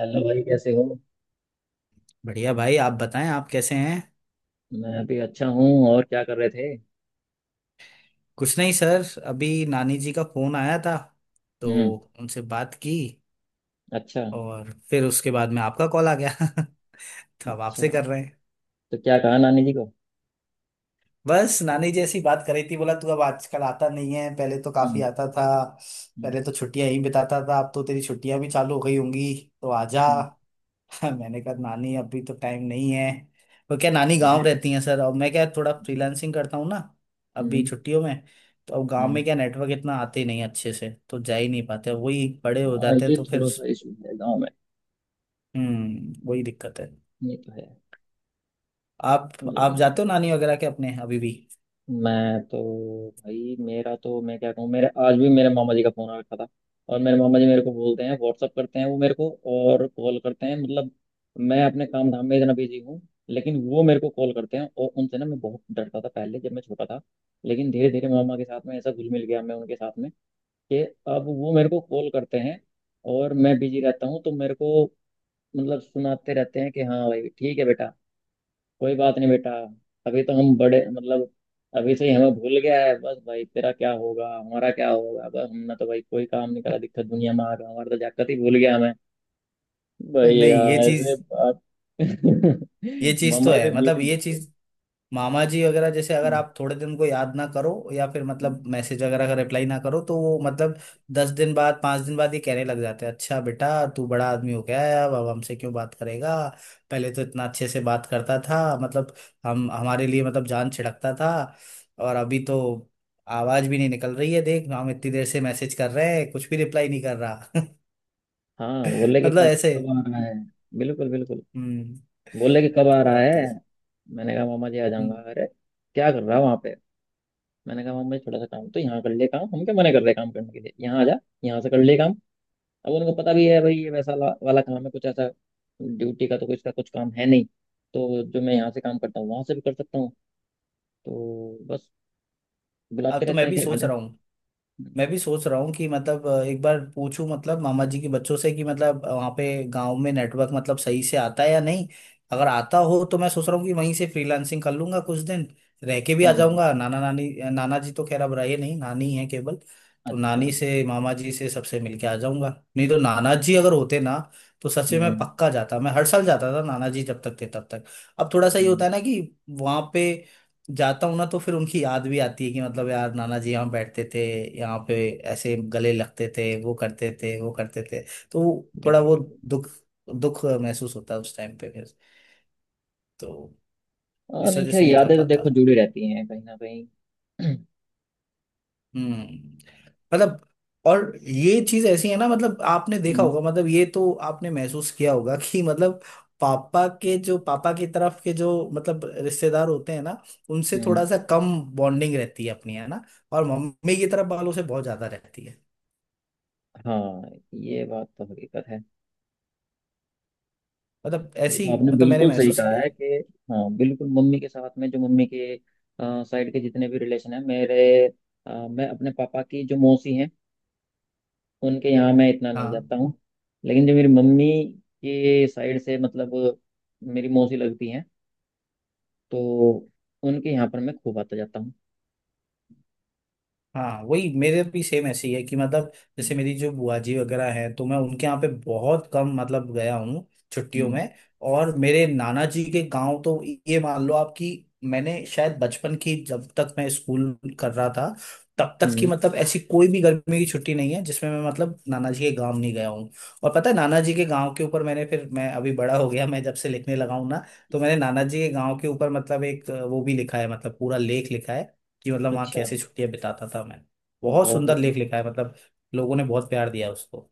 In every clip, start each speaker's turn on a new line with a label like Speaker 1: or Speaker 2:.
Speaker 1: Hello भाई, कैसे हो?
Speaker 2: बढ़िया भाई। आप बताएं, आप कैसे हैं।
Speaker 1: मैं भी अच्छा हूँ। और क्या कर रहे थे?
Speaker 2: कुछ नहीं सर, अभी नानी जी का फोन आया था। तो
Speaker 1: हम्म।
Speaker 2: उनसे बात की।
Speaker 1: अच्छा।
Speaker 2: और फिर उसके बाद में आपका कॉल आ गया तो अब आपसे
Speaker 1: अच्छा,
Speaker 2: कर रहे हैं।
Speaker 1: तो क्या कहा नानी जी को?
Speaker 2: बस नानी जी ऐसी बात करी थी, बोला तू अब आजकल आता नहीं है, पहले तो काफी
Speaker 1: हम्म।
Speaker 2: आता था।
Speaker 1: हम्म।
Speaker 2: पहले तो छुट्टियां ही बिताता था, अब तो तेरी छुट्टियां भी चालू हो गई होंगी, तो आजा।
Speaker 1: हम्म,
Speaker 2: मैंने कहा नानी अभी तो टाइम नहीं है। वो क्या नानी गांव
Speaker 1: अरे
Speaker 2: रहती हैं सर, और मैं क्या थोड़ा
Speaker 1: जी।
Speaker 2: फ्रीलांसिंग करता हूँ ना, अभी
Speaker 1: हम्म।
Speaker 2: छुट्टियों में। तो अब गांव में
Speaker 1: हम्म।
Speaker 2: क्या नेटवर्क इतना आते ही नहीं है अच्छे से, तो जा ही नहीं पाते, वही बड़े हो
Speaker 1: हाँ,
Speaker 2: जाते हैं
Speaker 1: ये
Speaker 2: तो फिर।
Speaker 1: थोड़ा सा इशू है गांव में।
Speaker 2: हम्म, वही दिक्कत है।
Speaker 1: ये तो है,
Speaker 2: आप आप
Speaker 1: लेकिन
Speaker 2: जाते हो नानी वगैरह के अपने अभी भी।
Speaker 1: मैं तो भाई, मेरा तो मैं क्या कहूँ, मेरे आज भी मेरे मामा जी का फोन आ रखा था। और मेरे मामा जी मेरे को बोलते हैं, व्हाट्सअप करते हैं वो मेरे को। और कॉल करते हैं, मतलब मैं अपने काम धाम में इतना बिजी हूँ, लेकिन वो मेरे को कॉल करते हैं। और उनसे ना मैं बहुत डरता था पहले, जब मैं छोटा था। लेकिन धीरे धीरे मामा के साथ में ऐसा घुल मिल गया मैं उनके साथ में, कि अब वो मेरे को कॉल करते हैं। और मैं बिजी रहता हूँ तो मेरे को मतलब सुनाते रहते हैं कि हाँ भाई, ठीक है बेटा, कोई बात नहीं बेटा, अभी तो हम बड़े मतलब अभी से ही हमें भूल गया है। बस भाई, तेरा क्या होगा, हमारा क्या होगा, बस हमने तो भाई कोई काम नहीं करा, दिक्कत दुनिया में आ गया, हमारा तो जाकर ही भूल गया हमें। भाई
Speaker 2: नहीं
Speaker 1: यार,
Speaker 2: ये
Speaker 1: ऐसे
Speaker 2: चीज,
Speaker 1: बात।
Speaker 2: ये चीज
Speaker 1: मम्मा
Speaker 2: तो है,
Speaker 1: से जीत
Speaker 2: मतलब
Speaker 1: नहीं
Speaker 2: ये
Speaker 1: सकते।
Speaker 2: चीज, मामा जी वगैरह जैसे अगर
Speaker 1: हम्म।
Speaker 2: आप थोड़े दिन को याद ना करो या फिर मतलब मैसेज वगैरह का रिप्लाई ना करो तो वो मतलब 10 दिन बाद 5 दिन बाद ये कहने लग जाते हैं, अच्छा बेटा तू बड़ा आदमी हो गया है, अब हमसे क्यों बात करेगा, पहले तो इतना अच्छे से बात करता था मतलब, हम हमारे लिए मतलब जान छिड़कता था, और अभी तो आवाज भी नहीं निकल रही है, देख हम इतनी देर से मैसेज कर रहे हैं कुछ भी रिप्लाई नहीं कर रहा।
Speaker 1: हाँ, बोले कि
Speaker 2: मतलब
Speaker 1: कब
Speaker 2: ऐसे।
Speaker 1: कब आ रहा है। बिल्कुल, बिल्कुल।
Speaker 2: हम्म।
Speaker 1: बोले कि कब आ
Speaker 2: तो
Speaker 1: रहा
Speaker 2: अब तो,
Speaker 1: है। मैंने कहा मामा जी आ जाऊंगा,
Speaker 2: हम्म,
Speaker 1: अरे क्या कर रहा है वहां पे। मैंने कहा मामा जी, थोड़ा सा काम तो यहाँ कर ले। काम हम क्या मना कर रहे हैं काम करने के लिए? यहाँ आ जा, यहाँ से कर ले काम। अब उनको पता भी है भाई, ये वैसा वाला काम है कुछ ऐसा। ड्यूटी का तो कुछ का कुछ काम है नहीं। तो जो मैं यहाँ से काम करता हूँ वहां से भी कर सकता हूँ। तो बस बुलाते
Speaker 2: अब तो
Speaker 1: रहते
Speaker 2: मैं
Speaker 1: हैं
Speaker 2: भी
Speaker 1: कि आ
Speaker 2: सोच
Speaker 1: जा।
Speaker 2: रहा हूँ, कि मतलब एक बार पूछूं मतलब मामा जी के बच्चों से कि मतलब वहाँ पे गांव में नेटवर्क मतलब सही से आता है या नहीं। अगर आता हो तो मैं सोच रहा हूँ कि वहीं से फ्रीलांसिंग कर लूंगा कुछ दिन, रह के भी आ
Speaker 1: हम्म,
Speaker 2: जाऊंगा। नाना नानी, नाना जी तो खैर अब रहे नहीं, नानी है केवल। तो
Speaker 1: अच्छा।
Speaker 2: नानी से मामा जी से सबसे मिलके आ जाऊंगा। नहीं तो नाना जी अगर होते ना, तो सच में मैं
Speaker 1: हम्म।
Speaker 2: पक्का जाता, मैं हर साल जाता था नाना जी जब तक थे तब तक। अब थोड़ा सा ये
Speaker 1: हम्म,
Speaker 2: होता है ना कि वहाँ पे जाता हूँ ना तो फिर उनकी याद भी आती है, कि मतलब यार नाना जी यहाँ बैठते थे, यहाँ पे ऐसे गले लगते थे, वो करते थे वो करते थे। तो वो थोड़ा
Speaker 1: बिल्कुल
Speaker 2: वो
Speaker 1: बिल्कुल।
Speaker 2: दुख दुख महसूस होता है उस टाइम पे फिर। तो
Speaker 1: हाँ,
Speaker 2: इस
Speaker 1: नहीं,
Speaker 2: वजह
Speaker 1: खैर
Speaker 2: से नहीं जा
Speaker 1: यादें तो
Speaker 2: पाता।
Speaker 1: देखो जुड़ी रहती हैं कहीं ना कहीं। हम्म।
Speaker 2: हम्म। मतलब, और ये चीज ऐसी है ना मतलब आपने देखा होगा, मतलब ये तो आपने महसूस किया होगा कि मतलब पापा की तरफ के जो मतलब रिश्तेदार होते हैं ना, उनसे थोड़ा
Speaker 1: हम्म,
Speaker 2: सा कम बॉन्डिंग रहती है अपनी, है ना। और मम्मी की तरफ वालों से बहुत ज्यादा रहती है।
Speaker 1: हाँ ये बात तो हकीकत है।
Speaker 2: मतलब
Speaker 1: ये
Speaker 2: ऐसी,
Speaker 1: तो आपने
Speaker 2: मतलब मैंने
Speaker 1: बिल्कुल सही
Speaker 2: महसूस
Speaker 1: कहा
Speaker 2: किया
Speaker 1: है
Speaker 2: है।
Speaker 1: कि हाँ, बिल्कुल मम्मी के साथ में, जो मम्मी के साइड के जितने भी रिलेशन है मेरे, मैं अपने पापा की जो मौसी हैं उनके यहाँ मैं इतना नहीं
Speaker 2: हाँ
Speaker 1: जाता हूँ। लेकिन जो मेरी मम्मी के साइड से मतलब मेरी मौसी लगती हैं, तो उनके यहाँ पर मैं खूब आता जाता हूँ।
Speaker 2: हाँ, वही मेरे भी सेम ऐसे ही है कि मतलब, जैसे
Speaker 1: हम्म।
Speaker 2: मेरी जो बुआ जी वगैरह हैं तो मैं उनके यहाँ पे बहुत कम मतलब गया हूँ, छुट्टियों
Speaker 1: हम्म।
Speaker 2: में। और मेरे नाना जी के गांव तो, ये मान लो आप कि मैंने शायद बचपन की, जब तक मैं स्कूल कर रहा था तब तक की,
Speaker 1: हम्म।
Speaker 2: मतलब ऐसी कोई भी गर्मी की छुट्टी नहीं है जिसमें मैं मतलब नाना जी के गांव नहीं गया हूँ। और पता है, नाना जी के गांव के ऊपर मैंने, फिर मैं अभी बड़ा हो गया, मैं जब से लिखने लगा हूँ ना, तो मैंने नाना जी के गांव के ऊपर मतलब एक वो भी लिखा है, मतलब पूरा लेख लिखा है, कि मतलब वहाँ
Speaker 1: अच्छा,
Speaker 2: कैसे छुट्टियाँ बिताता था मैं। बहुत
Speaker 1: बहुत
Speaker 2: सुंदर
Speaker 1: बढ़िया।
Speaker 2: लेख लिखा है मतलब। लोगों ने बहुत प्यार दिया उसको।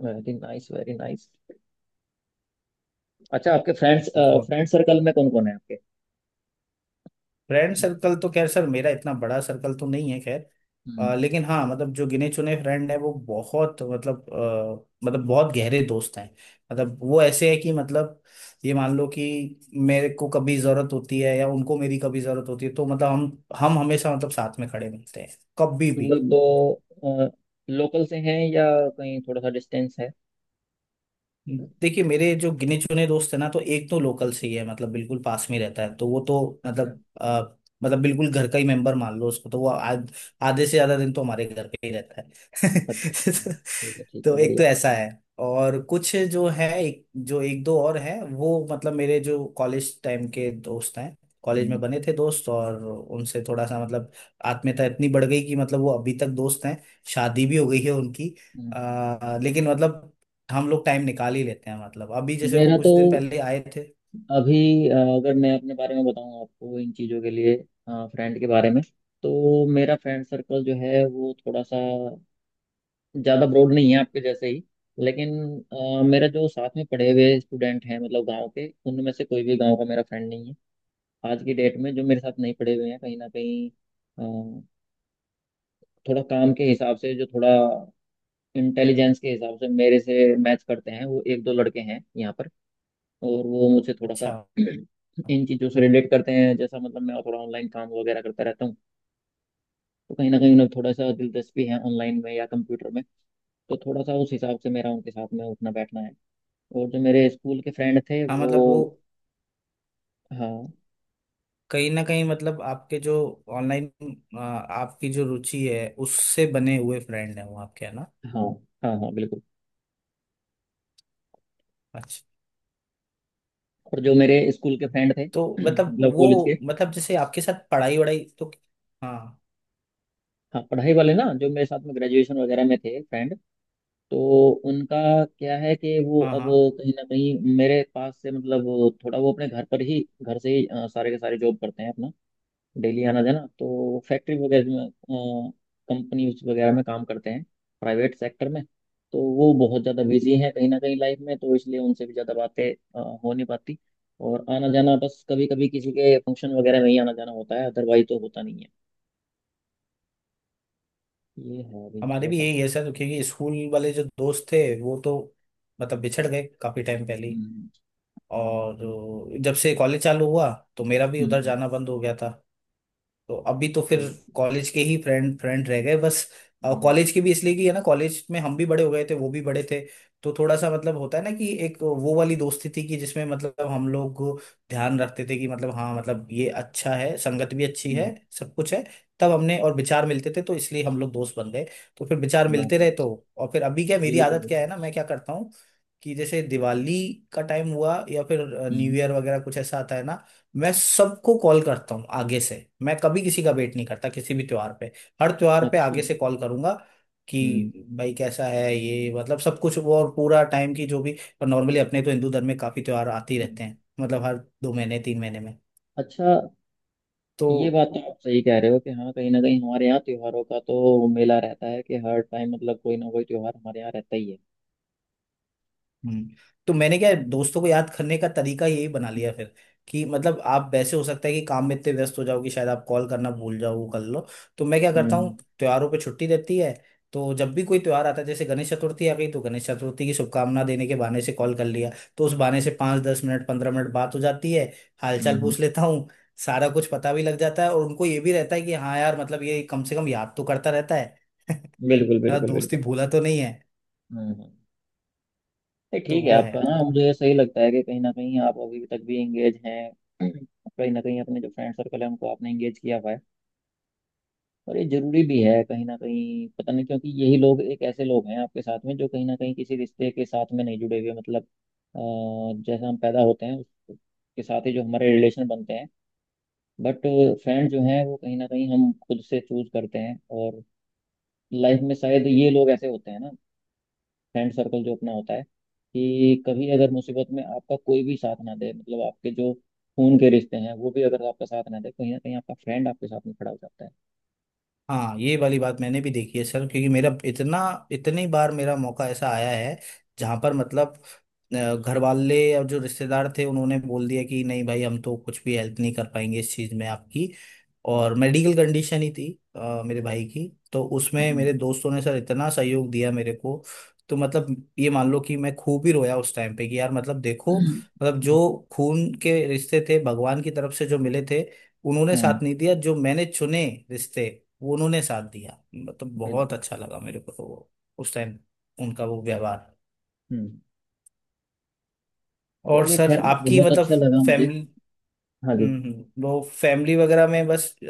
Speaker 1: Very nice, very nice. अच्छा, आपके
Speaker 2: बहुत,
Speaker 1: फ्रेंड सर्कल में कौन कौन है आपके?
Speaker 2: फ्रेंड सर्कल तो खैर सर मेरा इतना बड़ा सर्कल तो नहीं है खैर,
Speaker 1: हम्म,
Speaker 2: लेकिन हाँ मतलब जो गिने चुने फ्रेंड है वो बहुत मतलब, मतलब बहुत गहरे दोस्त हैं। मतलब वो ऐसे है कि मतलब ये मान लो कि मेरे को कभी जरूरत होती है या उनको मेरी कभी जरूरत होती है तो मतलब हम हमेशा मतलब साथ में खड़े मिलते हैं कभी भी।
Speaker 1: मतलब दो लोकल से हैं या कहीं थोड़ा सा डिस्टेंस है?
Speaker 2: देखिए मेरे जो गिने चुने दोस्त है ना, तो एक तो लोकल से ही है, मतलब बिल्कुल पास में रहता है, तो वो तो
Speaker 1: अच्छा,
Speaker 2: मतलब मतलब बिल्कुल घर का ही मेंबर मान लो उसको, तो वो आधे से ज्यादा दिन तो हमारे घर पे ही रहता है
Speaker 1: अच्छा। अच्छा, ठीक है, ठीक
Speaker 2: तो
Speaker 1: है,
Speaker 2: एक तो
Speaker 1: बढ़िया।
Speaker 2: ऐसा है। और कुछ जो है, एक जो एक दो और है, वो मतलब मेरे जो कॉलेज टाइम के दोस्त हैं, कॉलेज में
Speaker 1: हम्म।
Speaker 2: बने थे दोस्त, और उनसे थोड़ा सा मतलब आत्मीयता इतनी बढ़ गई कि मतलब वो अभी तक दोस्त हैं। शादी भी हो गई है उनकी।
Speaker 1: हम्म।
Speaker 2: लेकिन मतलब हम लोग टाइम निकाल ही लेते हैं, मतलब अभी जैसे वो
Speaker 1: मेरा
Speaker 2: कुछ
Speaker 1: तो
Speaker 2: दिन पहले आए थे।
Speaker 1: अभी अगर मैं अपने बारे में बताऊं आपको, इन चीज़ों के लिए, फ्रेंड के बारे में, तो मेरा फ्रेंड सर्कल जो है वो थोड़ा सा ज़्यादा ब्रॉड नहीं है, आपके जैसे ही। लेकिन मेरा जो साथ में पढ़े हुए स्टूडेंट हैं, मतलब गांव के, उनमें से कोई भी गांव का मेरा फ्रेंड नहीं है आज की डेट में, जो मेरे साथ नहीं पढ़े हुए हैं कहीं ना कहीं। अ, थोड़ा काम के हिसाब से, जो थोड़ा इंटेलिजेंस के हिसाब से मेरे से मैच करते हैं, वो एक दो लड़के हैं यहाँ पर। और वो मुझसे थोड़ा
Speaker 2: अच्छा,
Speaker 1: सा इन चीज़ों से रिलेट करते हैं। जैसा मतलब मैं थोड़ा ऑनलाइन काम वगैरह करता रहता हूँ, तो कहीं ना कहीं उन्हें थोड़ा सा दिलचस्पी है ऑनलाइन में या कंप्यूटर में। तो थोड़ा सा उस हिसाब से मेरा उनके साथ में उठना बैठना है। और जो मेरे स्कूल के फ्रेंड थे
Speaker 2: हाँ
Speaker 1: वो,
Speaker 2: मतलब वो
Speaker 1: हाँ,
Speaker 2: कहीं ना कहीं मतलब आपके जो ऑनलाइन, आपकी जो रुचि है उससे बने हुए फ्रेंड हैं वो आपके, है ना।
Speaker 1: हाँ, हाँ, हाँ बिल्कुल,
Speaker 2: अच्छा।
Speaker 1: और जो मेरे स्कूल के फ्रेंड थे
Speaker 2: तो मतलब
Speaker 1: मतलब कॉलेज के,
Speaker 2: वो मतलब जैसे आपके साथ पढ़ाई वढ़ाई तो, हाँ
Speaker 1: हाँ, पढ़ाई वाले ना, जो मेरे साथ में ग्रेजुएशन वगैरह में थे फ्रेंड, तो उनका क्या है कि वो
Speaker 2: हाँ,
Speaker 1: अब
Speaker 2: हाँ
Speaker 1: कहीं ना कहीं मेरे पास से मतलब थोड़ा वो अपने घर पर ही, घर से ही सारे के सारे जॉब करते हैं अपना। डेली आना जाना तो फैक्ट्री वगैरह में, कंपनीज वगैरह में काम करते हैं, प्राइवेट सेक्टर में। तो वो बहुत ज़्यादा बिजी हैं कहीं ना कहीं लाइफ में, तो इसलिए उनसे भी ज़्यादा बातें हो नहीं पाती। और आना जाना बस कभी कभी किसी के फंक्शन वगैरह में ही आना जाना होता है, अदरवाइज तो होता नहीं है। ये है अभी
Speaker 2: हमारे
Speaker 1: थोड़ा
Speaker 2: भी
Speaker 1: सा।
Speaker 2: यही है सर, क्योंकि स्कूल वाले जो दोस्त थे वो तो मतलब बिछड़ गए काफी टाइम पहले ही।
Speaker 1: हम्म।
Speaker 2: और जब से कॉलेज चालू हुआ तो मेरा भी उधर
Speaker 1: हम्म,
Speaker 2: जाना बंद हो गया था। तो अभी तो फिर
Speaker 1: ठीक।
Speaker 2: कॉलेज के ही फ्रेंड फ्रेंड रह गए बस।
Speaker 1: हम्म।
Speaker 2: कॉलेज के भी इसलिए कि है ना, कॉलेज में हम भी बड़े हो गए थे वो भी बड़े थे, तो थोड़ा सा मतलब होता है ना कि एक वो वाली दोस्ती थी कि जिसमें मतलब हम लोग ध्यान रखते थे कि मतलब हाँ मतलब ये अच्छा है, संगत भी अच्छी
Speaker 1: हम्म,
Speaker 2: है, सब कुछ है, तब हमने और विचार मिलते थे तो इसलिए हम लोग दोस्त बन गए। तो फिर विचार मिलते रहे
Speaker 1: बराबर।
Speaker 2: तो। और फिर अभी क्या मेरी
Speaker 1: बिल्कुल
Speaker 2: आदत
Speaker 1: बिल्कुल।
Speaker 2: क्या है ना, मैं क्या करता हूँ कि जैसे दिवाली का टाइम हुआ या फिर न्यू
Speaker 1: हम्म,
Speaker 2: ईयर वगैरह कुछ ऐसा आता है ना, मैं सबको कॉल करता हूँ आगे से। मैं कभी किसी का वेट नहीं करता किसी भी त्योहार पे, हर त्योहार पे
Speaker 1: अच्छा।
Speaker 2: आगे से कॉल करूंगा
Speaker 1: हम्म।
Speaker 2: कि भाई कैसा है ये मतलब सब कुछ वो, और पूरा टाइम की जो भी। और नॉर्मली अपने तो हिंदू धर्म में काफी त्योहार आते ही रहते
Speaker 1: हम्म।
Speaker 2: हैं, मतलब हर 2 महीने 3 महीने में।
Speaker 1: अच्छा,
Speaker 2: तो
Speaker 1: ये बात तो आप सही कह रहे हो कि हाँ, कहीं ना कहीं हमारे यहाँ त्योहारों का तो मेला रहता है कि हर टाइम मतलब कोई ना कोई त्योहार हमारे यहाँ रहता ही है।
Speaker 2: हम्म, तो मैंने क्या है, दोस्तों को याद करने का तरीका यही बना
Speaker 1: हम्म।
Speaker 2: लिया फिर कि मतलब आप वैसे हो सकता है कि काम में इतने व्यस्त हो जाओ कि शायद आप कॉल करना भूल जाओ, वो कर लो। तो मैं क्या करता
Speaker 1: हम्म।
Speaker 2: हूँ, त्योहारों पे छुट्टी रहती है तो जब भी कोई त्योहार आता है जैसे गणेश चतुर्थी आ गई तो गणेश चतुर्थी की शुभकामना देने के बहाने से कॉल कर लिया। तो उस बहाने से 5-10 मिनट 15 मिनट बात हो जाती है। हालचाल
Speaker 1: हम्म।
Speaker 2: पूछ लेता हूँ। सारा कुछ पता भी लग जाता है और उनको ये भी रहता है कि हाँ यार मतलब ये कम से कम याद तो करता रहता है।
Speaker 1: बिल्कुल, बिल्कुल,
Speaker 2: दोस्ती
Speaker 1: बिल्कुल।
Speaker 2: भूला तो नहीं है।
Speaker 1: हम्म। हम्म। नहीं,
Speaker 2: तो
Speaker 1: ठीक है
Speaker 2: वो है
Speaker 1: आपका,
Speaker 2: तो।
Speaker 1: हाँ, मुझे सही लगता है कि कहीं ना कहीं आप अभी तक भी एंगेज हैं, कहीं ना कहीं अपने जो फ्रेंड सर्कल है उनको आपने एंगेज किया हुआ है। और ये जरूरी भी है कहीं ना कहीं, पता नहीं, क्योंकि यही लोग एक ऐसे लोग हैं आपके साथ में जो कहीं ना कहीं किसी रिश्ते के साथ में नहीं जुड़े हुए, मतलब अ, जैसा हम पैदा होते हैं उसके साथ ही जो हमारे रिलेशन बनते हैं, बट फ्रेंड जो हैं वो कहीं ना कहीं हम खुद से चूज करते हैं। और लाइफ में शायद ये लोग ऐसे होते हैं ना, फ्रेंड सर्कल जो अपना होता है कि कभी अगर मुसीबत में आपका कोई भी साथ ना दे, मतलब आपके जो खून के रिश्ते हैं वो भी अगर आपका साथ ना दे, कहीं ना कहीं आपका फ्रेंड आपके साथ में खड़ा हो जाता है।
Speaker 2: हाँ ये वाली बात मैंने भी देखी है सर, क्योंकि मेरा इतना, इतनी बार मेरा मौका ऐसा आया है जहां पर मतलब घर वाले और जो रिश्तेदार थे उन्होंने बोल दिया कि नहीं भाई हम तो कुछ भी हेल्प नहीं कर पाएंगे इस चीज में आपकी, और मेडिकल कंडीशन ही थी मेरे भाई की। तो उसमें
Speaker 1: हम्म।
Speaker 2: मेरे दोस्तों ने सर इतना सहयोग दिया मेरे को। तो मतलब ये मान लो कि मैं खूब ही रोया उस टाइम पे कि यार मतलब देखो मतलब जो खून के रिश्ते थे भगवान की तरफ से जो मिले थे उन्होंने
Speaker 1: हम्म,
Speaker 2: साथ नहीं दिया, जो मैंने चुने रिश्ते वो उन्होंने साथ दिया, मतलब बहुत
Speaker 1: बिल्कुल।
Speaker 2: अच्छा लगा मेरे को तो वो उस टाइम उनका वो व्यवहार।
Speaker 1: हम्म, यार
Speaker 2: और
Speaker 1: ये
Speaker 2: सर
Speaker 1: खैर
Speaker 2: आपकी
Speaker 1: बहुत
Speaker 2: मतलब
Speaker 1: अच्छा लगा मुझे।
Speaker 2: फैमिली।
Speaker 1: हाँ जी।
Speaker 2: वो फैमिली वगैरह में बस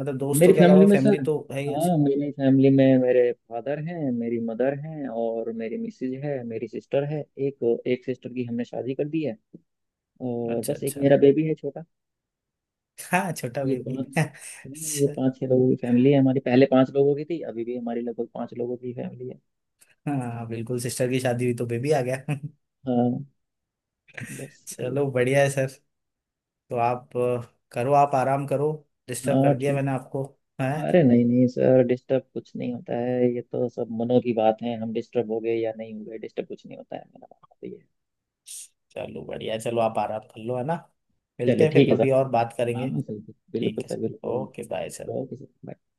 Speaker 2: मतलब
Speaker 1: मेरी
Speaker 2: दोस्तों के
Speaker 1: फैमिली
Speaker 2: अलावा
Speaker 1: में
Speaker 2: फैमिली
Speaker 1: सर,
Speaker 2: तो है ही
Speaker 1: हाँ,
Speaker 2: अच्छी।
Speaker 1: मेरी फैमिली में मेरे फादर हैं, मेरी मदर हैं, और मेरी मिसेज है, मेरी सिस्टर है। एक एक सिस्टर की हमने शादी कर दी है। और
Speaker 2: अच्छा
Speaker 1: बस एक
Speaker 2: अच्छा।
Speaker 1: मेरा बेबी है छोटा।
Speaker 2: हाँ छोटा
Speaker 1: ये
Speaker 2: बेबी
Speaker 1: पाँच ये पाँच छह लोगों की फैमिली है हमारी। पहले पाँच लोगों की थी, अभी भी हमारी लगभग पाँच लोगों की फैमिली है।
Speaker 2: हाँ बिल्कुल, सिस्टर की शादी हुई तो बेबी आ गया।
Speaker 1: हाँ बस ये
Speaker 2: चलो
Speaker 1: है।
Speaker 2: बढ़िया है सर। तो आप करो, आप आराम करो। डिस्टर्ब
Speaker 1: हाँ,
Speaker 2: कर दिया
Speaker 1: ठीक।
Speaker 2: मैंने आपको, है।
Speaker 1: अरे नहीं नहीं सर, डिस्टर्ब कुछ नहीं होता है, ये तो सब मनो की बात है, हम डिस्टर्ब हो गए या नहीं हो गए, डिस्टर्ब कुछ नहीं होता है, मेरा बात तो ये है।
Speaker 2: चलो बढ़िया है, चलो आप आराम कर लो, है ना। मिलते
Speaker 1: चलिए
Speaker 2: हैं फिर
Speaker 1: ठीक है
Speaker 2: कभी
Speaker 1: सर।
Speaker 2: और बात करेंगे।
Speaker 1: हाँ सर।
Speaker 2: ठीक
Speaker 1: बिल्कुल
Speaker 2: है
Speaker 1: सर,
Speaker 2: सर,
Speaker 1: बिल्कुल।
Speaker 2: Okay bye sir.
Speaker 1: Okay sir, bye।